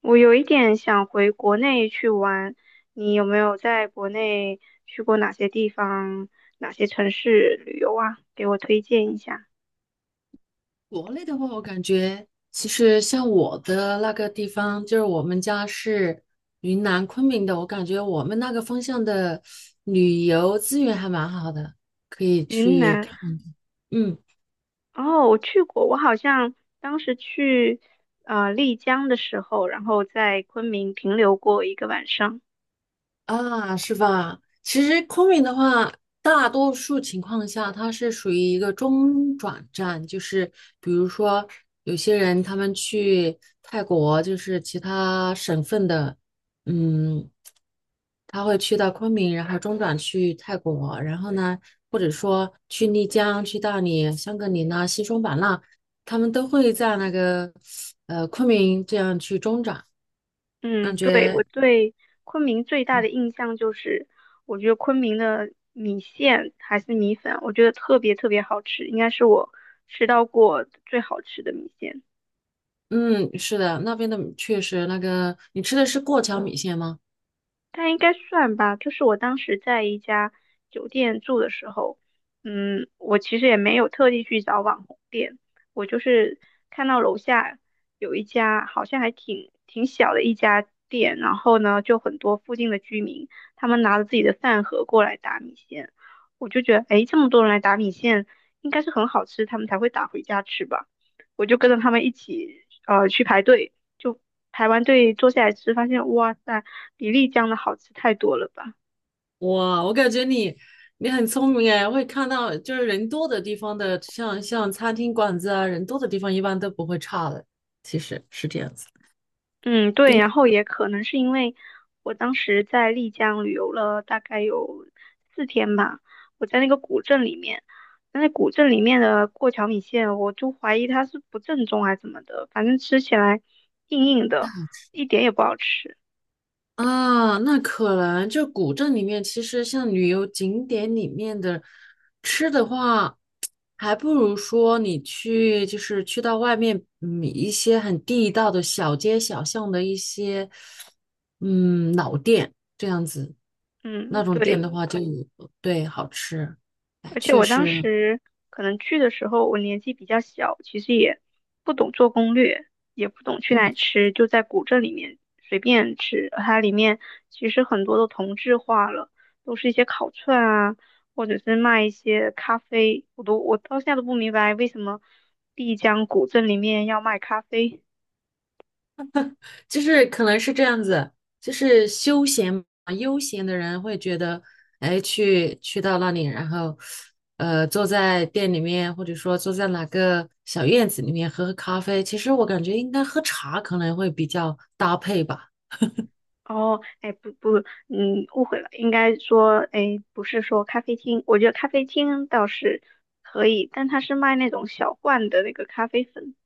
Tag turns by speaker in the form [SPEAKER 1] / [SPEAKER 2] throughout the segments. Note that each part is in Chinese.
[SPEAKER 1] 我有一点想回国内去玩，你有没有在国内去过哪些地方、哪些城市旅游啊？给我推荐一下。
[SPEAKER 2] 国内的话，我感觉其实像我的那个地方，就是我们家是云南昆明的，我感觉我们那个方向的旅游资源还蛮好的，可以
[SPEAKER 1] 云
[SPEAKER 2] 去
[SPEAKER 1] 南，
[SPEAKER 2] 看。嗯。
[SPEAKER 1] 哦，我去过，我好像当时去丽江的时候，然后在昆明停留过一个晚上。
[SPEAKER 2] 啊，是吧？其实昆明的话，大多数情况下它是属于一个中转站，就是比如说有些人他们去泰国，就是其他省份的，嗯，他会去到昆明，然后中转去泰国，然后呢，或者说去丽江、去大理、香格里拉、西双版纳，他们都会在那个昆明这样去中转，
[SPEAKER 1] 嗯，
[SPEAKER 2] 感
[SPEAKER 1] 对，我
[SPEAKER 2] 觉。
[SPEAKER 1] 对昆明最大的印象就是，我觉得昆明的米线还是米粉，我觉得特别特别好吃，应该是我吃到过最好吃的米线。
[SPEAKER 2] 嗯，是的，那边的确实那个你吃的是过桥米线吗？
[SPEAKER 1] 但应该算吧，就是我当时在一家酒店住的时候，嗯，我其实也没有特地去找网红店，我就是看到楼下有一家好像还挺小的一家店，然后呢，就很多附近的居民，他们拿着自己的饭盒过来打米线，我就觉得，诶，这么多人来打米线，应该是很好吃，他们才会打回家吃吧，我就跟着他们一起，去排队。就台湾队坐下来吃，发现哇塞，比丽江的好吃太多了吧？
[SPEAKER 2] 哇，我感觉你很聪明哎，会看到就是人多的地方的，像餐厅馆子啊，人多的地方一般都不会差的，其实是这样子。
[SPEAKER 1] 嗯，对，然后也可能是因为我当时在丽江旅游了大概有4天吧，我在那个古镇里面，那古镇里面的过桥米线，我就怀疑它是不正宗还是怎么的，反正吃起来硬硬的，一点也不好吃。
[SPEAKER 2] 啊，那可能就古镇里面，其实像旅游景点里面的吃的话，还不如说你去，就是去到外面，一些很地道的小街小巷的一些，老店这样子，
[SPEAKER 1] 嗯，
[SPEAKER 2] 那种店
[SPEAKER 1] 对。
[SPEAKER 2] 的话就对好吃，哎
[SPEAKER 1] 而且
[SPEAKER 2] 确
[SPEAKER 1] 我当
[SPEAKER 2] 实，
[SPEAKER 1] 时可能去的时候，我年纪比较小，其实也不懂做攻略，也不懂去哪里吃，就在古镇里面随便吃。它里面其实很多都同质化了，都是一些烤串啊，或者是卖一些咖啡。我到现在都不明白为什么丽江古镇里面要卖咖啡。
[SPEAKER 2] 就是可能是这样子，就是休闲嘛，悠闲的人会觉得，哎，去到那里，然后，坐在店里面，或者说坐在哪个小院子里面喝喝咖啡。其实我感觉应该喝茶可能会比较搭配吧。
[SPEAKER 1] 哦，哎，不不，嗯，误会了，应该说，哎，不是说咖啡厅，我觉得咖啡厅倒是可以，但它是卖那种小罐的那个咖啡粉，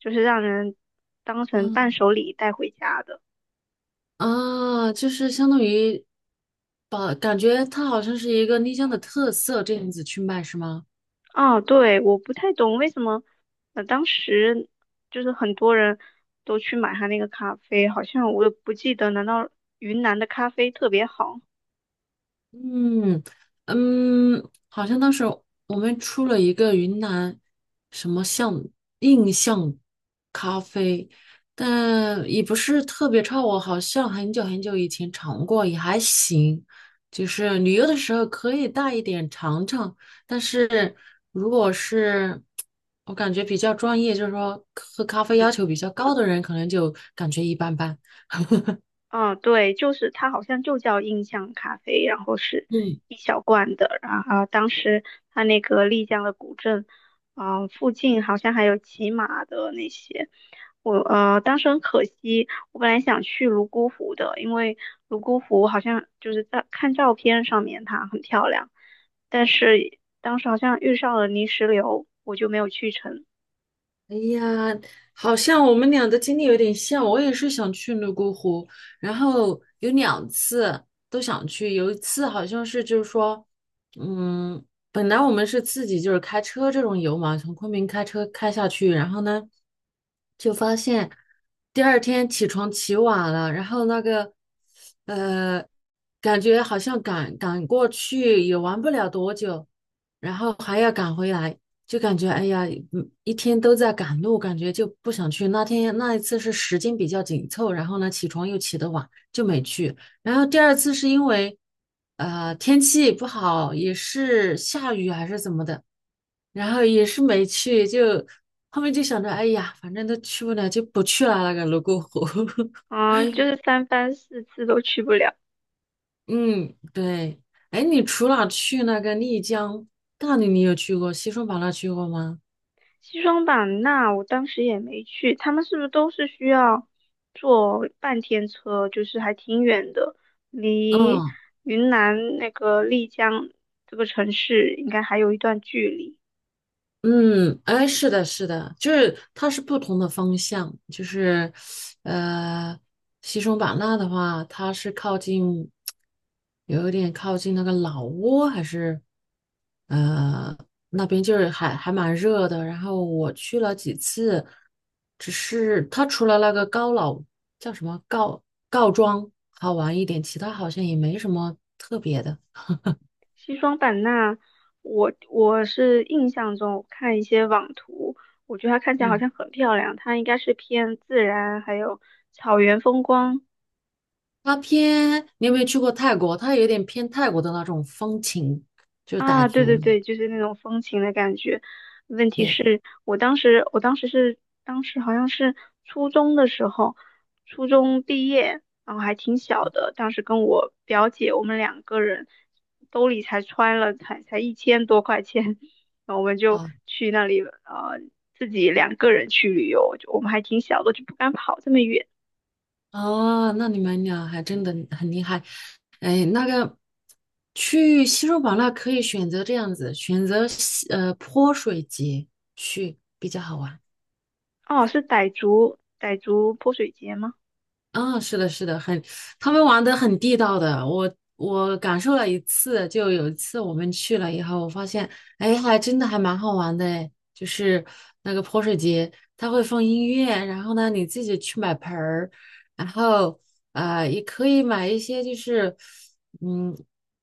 [SPEAKER 1] 就是让人当成
[SPEAKER 2] 嗯。
[SPEAKER 1] 伴手礼带回家的。
[SPEAKER 2] 啊，就是相当于感觉它好像是一个丽江的特色这样子去卖，是吗？
[SPEAKER 1] 啊，对，我不太懂为什么，当时就是很多人都去买他那个咖啡，好像我也不记得，难道云南的咖啡特别好？
[SPEAKER 2] 嗯嗯，好像当时我们出了一个云南什么印象咖啡，但也不是特别差。我好像很久很久以前尝过，也还行。就是旅游的时候可以带一点尝尝，但是如果是我感觉比较专业，就是说喝咖啡要求比较高的人，可能就感觉一般般。
[SPEAKER 1] 嗯，对，就是它好像就叫印象咖啡，然后是
[SPEAKER 2] 嗯。
[SPEAKER 1] 一小罐的，然后当时它那个丽江的古镇，嗯、附近好像还有骑马的那些，我当时很可惜，我本来想去泸沽湖的，因为泸沽湖好像就是在看照片上面它很漂亮，但是当时好像遇上了泥石流，我就没有去成，
[SPEAKER 2] 哎呀，好像我们俩的经历有点像。我也是想去泸沽湖，然后有2次都想去。有一次好像是就是说，嗯，本来我们是自己就是开车这种游嘛，从昆明开车开下去，然后呢，就发现第二天起床起晚了，然后那个呃，感觉好像赶赶过去也玩不了多久，然后还要赶回来。就感觉哎呀，一天都在赶路，感觉就不想去。那天那一次是时间比较紧凑，然后呢起床又起得晚，就没去。然后第二次是因为天气不好，也是下雨啊还是怎么的，然后也是没去。就后面就想着，哎呀，反正都去不了，就不去了那个泸沽湖。
[SPEAKER 1] 嗯，就是三番四次都去不了。
[SPEAKER 2] 嗯，对。哎，你除了去那个丽江、大理，你有去过？西双版纳去过吗？
[SPEAKER 1] 西双版纳我当时也没去，他们是不是都是需要坐半天车，就是还挺远的，离
[SPEAKER 2] 嗯。
[SPEAKER 1] 云南那个丽江这个城市应该还有一段距离。
[SPEAKER 2] 嗯，哎，是的，是的，就是它是不同的方向，就是，呃，西双版纳的话，它是靠近，有一点靠近那个老挝，还是，呃，那边就是还蛮热的。然后我去了几次，只是它除了那个叫什么告庄好玩一点，其他好像也没什么特别的。
[SPEAKER 1] 西双版纳，我是印象中我看一些网图，我觉得它看起来好
[SPEAKER 2] 嗯。
[SPEAKER 1] 像很漂亮，它应该是偏自然还有草原风光
[SPEAKER 2] 它偏，你有没有去过泰国？它有点偏泰国的那种风情，就是傣
[SPEAKER 1] 啊，对对
[SPEAKER 2] 族。
[SPEAKER 1] 对，就是那种风情的感觉。问题
[SPEAKER 2] 对。
[SPEAKER 1] 是我当时，我当时是，当时好像是初中的时候，初中毕业，然后还挺小的。当时跟我表姐，我们两个人兜里才揣了才1000多块钱，然后我们就
[SPEAKER 2] 啊
[SPEAKER 1] 去那里，呃，自己两个人去旅游，就我们还挺小的，就不敢跑这么远。
[SPEAKER 2] 啊，那你们俩还真的很厉害。哎，那个去西双版纳可以选择这样子，选择泼水节去比较好玩。
[SPEAKER 1] 哦，是傣族泼水节吗？
[SPEAKER 2] 嗯，是的，是的，很，他们玩的很地道的。我感受了一次，就有一次我们去了以后，我发现，哎，还真的还蛮好玩的哎，诶就是那个泼水节，它会放音乐，然后呢，你自己去买盆儿，然后也可以买一些，就是嗯，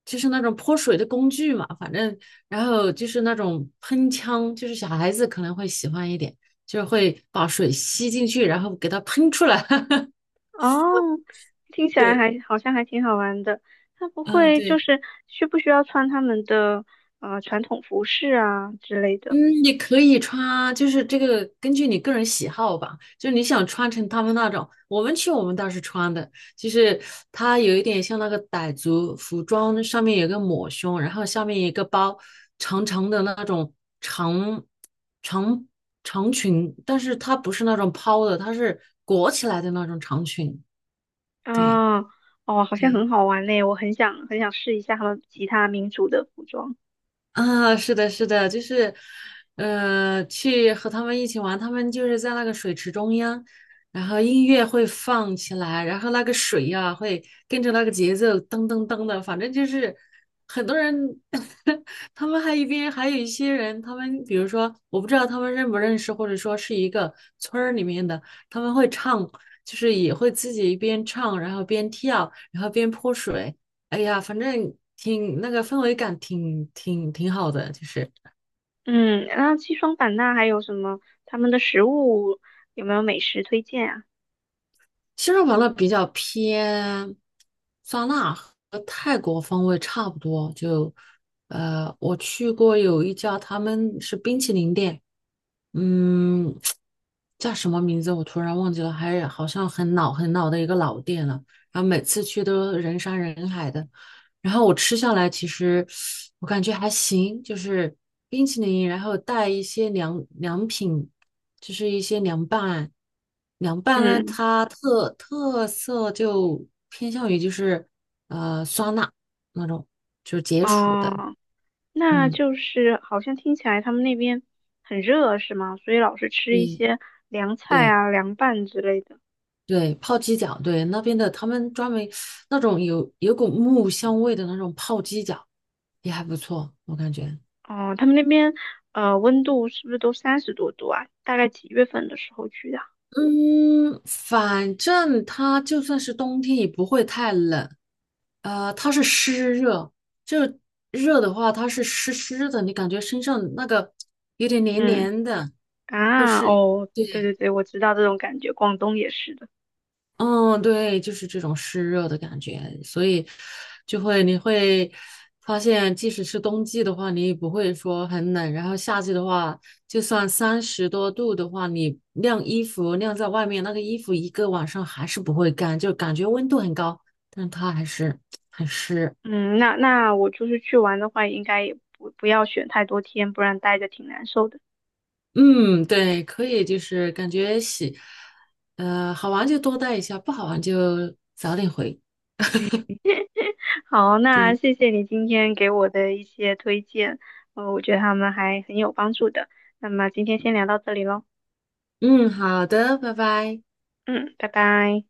[SPEAKER 2] 就是那种泼水的工具嘛，反正，然后就是那种喷枪，就是小孩子可能会喜欢一点，就是会把水吸进去，然后给它喷出来，
[SPEAKER 1] 哦，听起来
[SPEAKER 2] 对。
[SPEAKER 1] 还好像还挺好玩的。他不
[SPEAKER 2] 嗯，
[SPEAKER 1] 会就
[SPEAKER 2] 对，
[SPEAKER 1] 是需不需要穿他们的传统服饰啊之类的？
[SPEAKER 2] 嗯，你可以穿，就是这个根据你个人喜好吧，就是你想穿成他们那种，我们去我们倒是穿的，就是它有一点像那个傣族服装，上面有个抹胸，然后下面有一个包，长长的那种长长长裙，但是它不是那种抛的，它是裹起来的那种长裙，对
[SPEAKER 1] 啊，哦，好像
[SPEAKER 2] 对。
[SPEAKER 1] 很好玩嘞，我很想很想试一下他们其他民族的服装。
[SPEAKER 2] 啊，是的，是的，就是，去和他们一起玩，他们就是在那个水池中央，然后音乐会放起来，然后那个水呀、会跟着那个节奏噔噔噔的，反正就是很多人，他们还一边还有一些人，他们比如说我不知道他们认不认识，或者说是一个村儿里面的，他们会唱，就是也会自己一边唱，然后边跳，然后边泼水。哎呀，反正挺那个氛围感挺好的，就是。
[SPEAKER 1] 嗯，那西双版纳还有什么？他们的食物有没有美食推荐啊？
[SPEAKER 2] 西双版纳比较偏酸辣和泰国风味差不多，就我去过有一家，他们是冰淇淋店，嗯，叫什么名字我突然忘记了，还好像很老很老的一个老店了。然后每次去都人山人海的，然后我吃下来，其实我感觉还行，就是冰淇淋，然后带一些凉凉品，就是一些凉拌，凉拌呢，
[SPEAKER 1] 嗯，
[SPEAKER 2] 它特色就偏向于就是酸辣那种，就是解暑的，
[SPEAKER 1] 哦，那
[SPEAKER 2] 嗯，
[SPEAKER 1] 就是好像听起来他们那边很热是吗？所以老是吃一
[SPEAKER 2] 对
[SPEAKER 1] 些凉菜
[SPEAKER 2] 对
[SPEAKER 1] 啊、凉拌之类的。
[SPEAKER 2] 对，泡鸡脚，对那边的他们专门那种有股木香味的那种泡鸡脚也还不错，我感觉。
[SPEAKER 1] 哦，他们那边温度是不是都30多度啊？大概几月份的时候去的？
[SPEAKER 2] 嗯，反正它就算是冬天也不会太冷，它是湿热，就是热的话，它是湿湿的，你感觉身上那个有点黏
[SPEAKER 1] 嗯
[SPEAKER 2] 黏的，或
[SPEAKER 1] 啊，
[SPEAKER 2] 是
[SPEAKER 1] 哦，对对对，我知道这种感觉，广东也是的。
[SPEAKER 2] 嗯，对，就是这种湿热的感觉，所以你会发现，即使是冬季的话，你也不会说很冷，然后夏季的话，就算30多度的话，你晾衣服晾在外面，那个衣服一个晚上还是不会干，就感觉温度很高，但它还是很湿。
[SPEAKER 1] 嗯，那那我就是去玩的话，应该也不要选太多天，不然待着挺难受的。
[SPEAKER 2] 嗯，对，可以，就是感觉洗，好玩就多带一下，不好玩就早点回。
[SPEAKER 1] 好，那
[SPEAKER 2] 嗯
[SPEAKER 1] 谢谢你今天给我的一些推荐，我觉得他们还很有帮助的。那么今天先聊到这里喽，
[SPEAKER 2] 嗯，好的，拜拜。
[SPEAKER 1] 嗯，拜拜。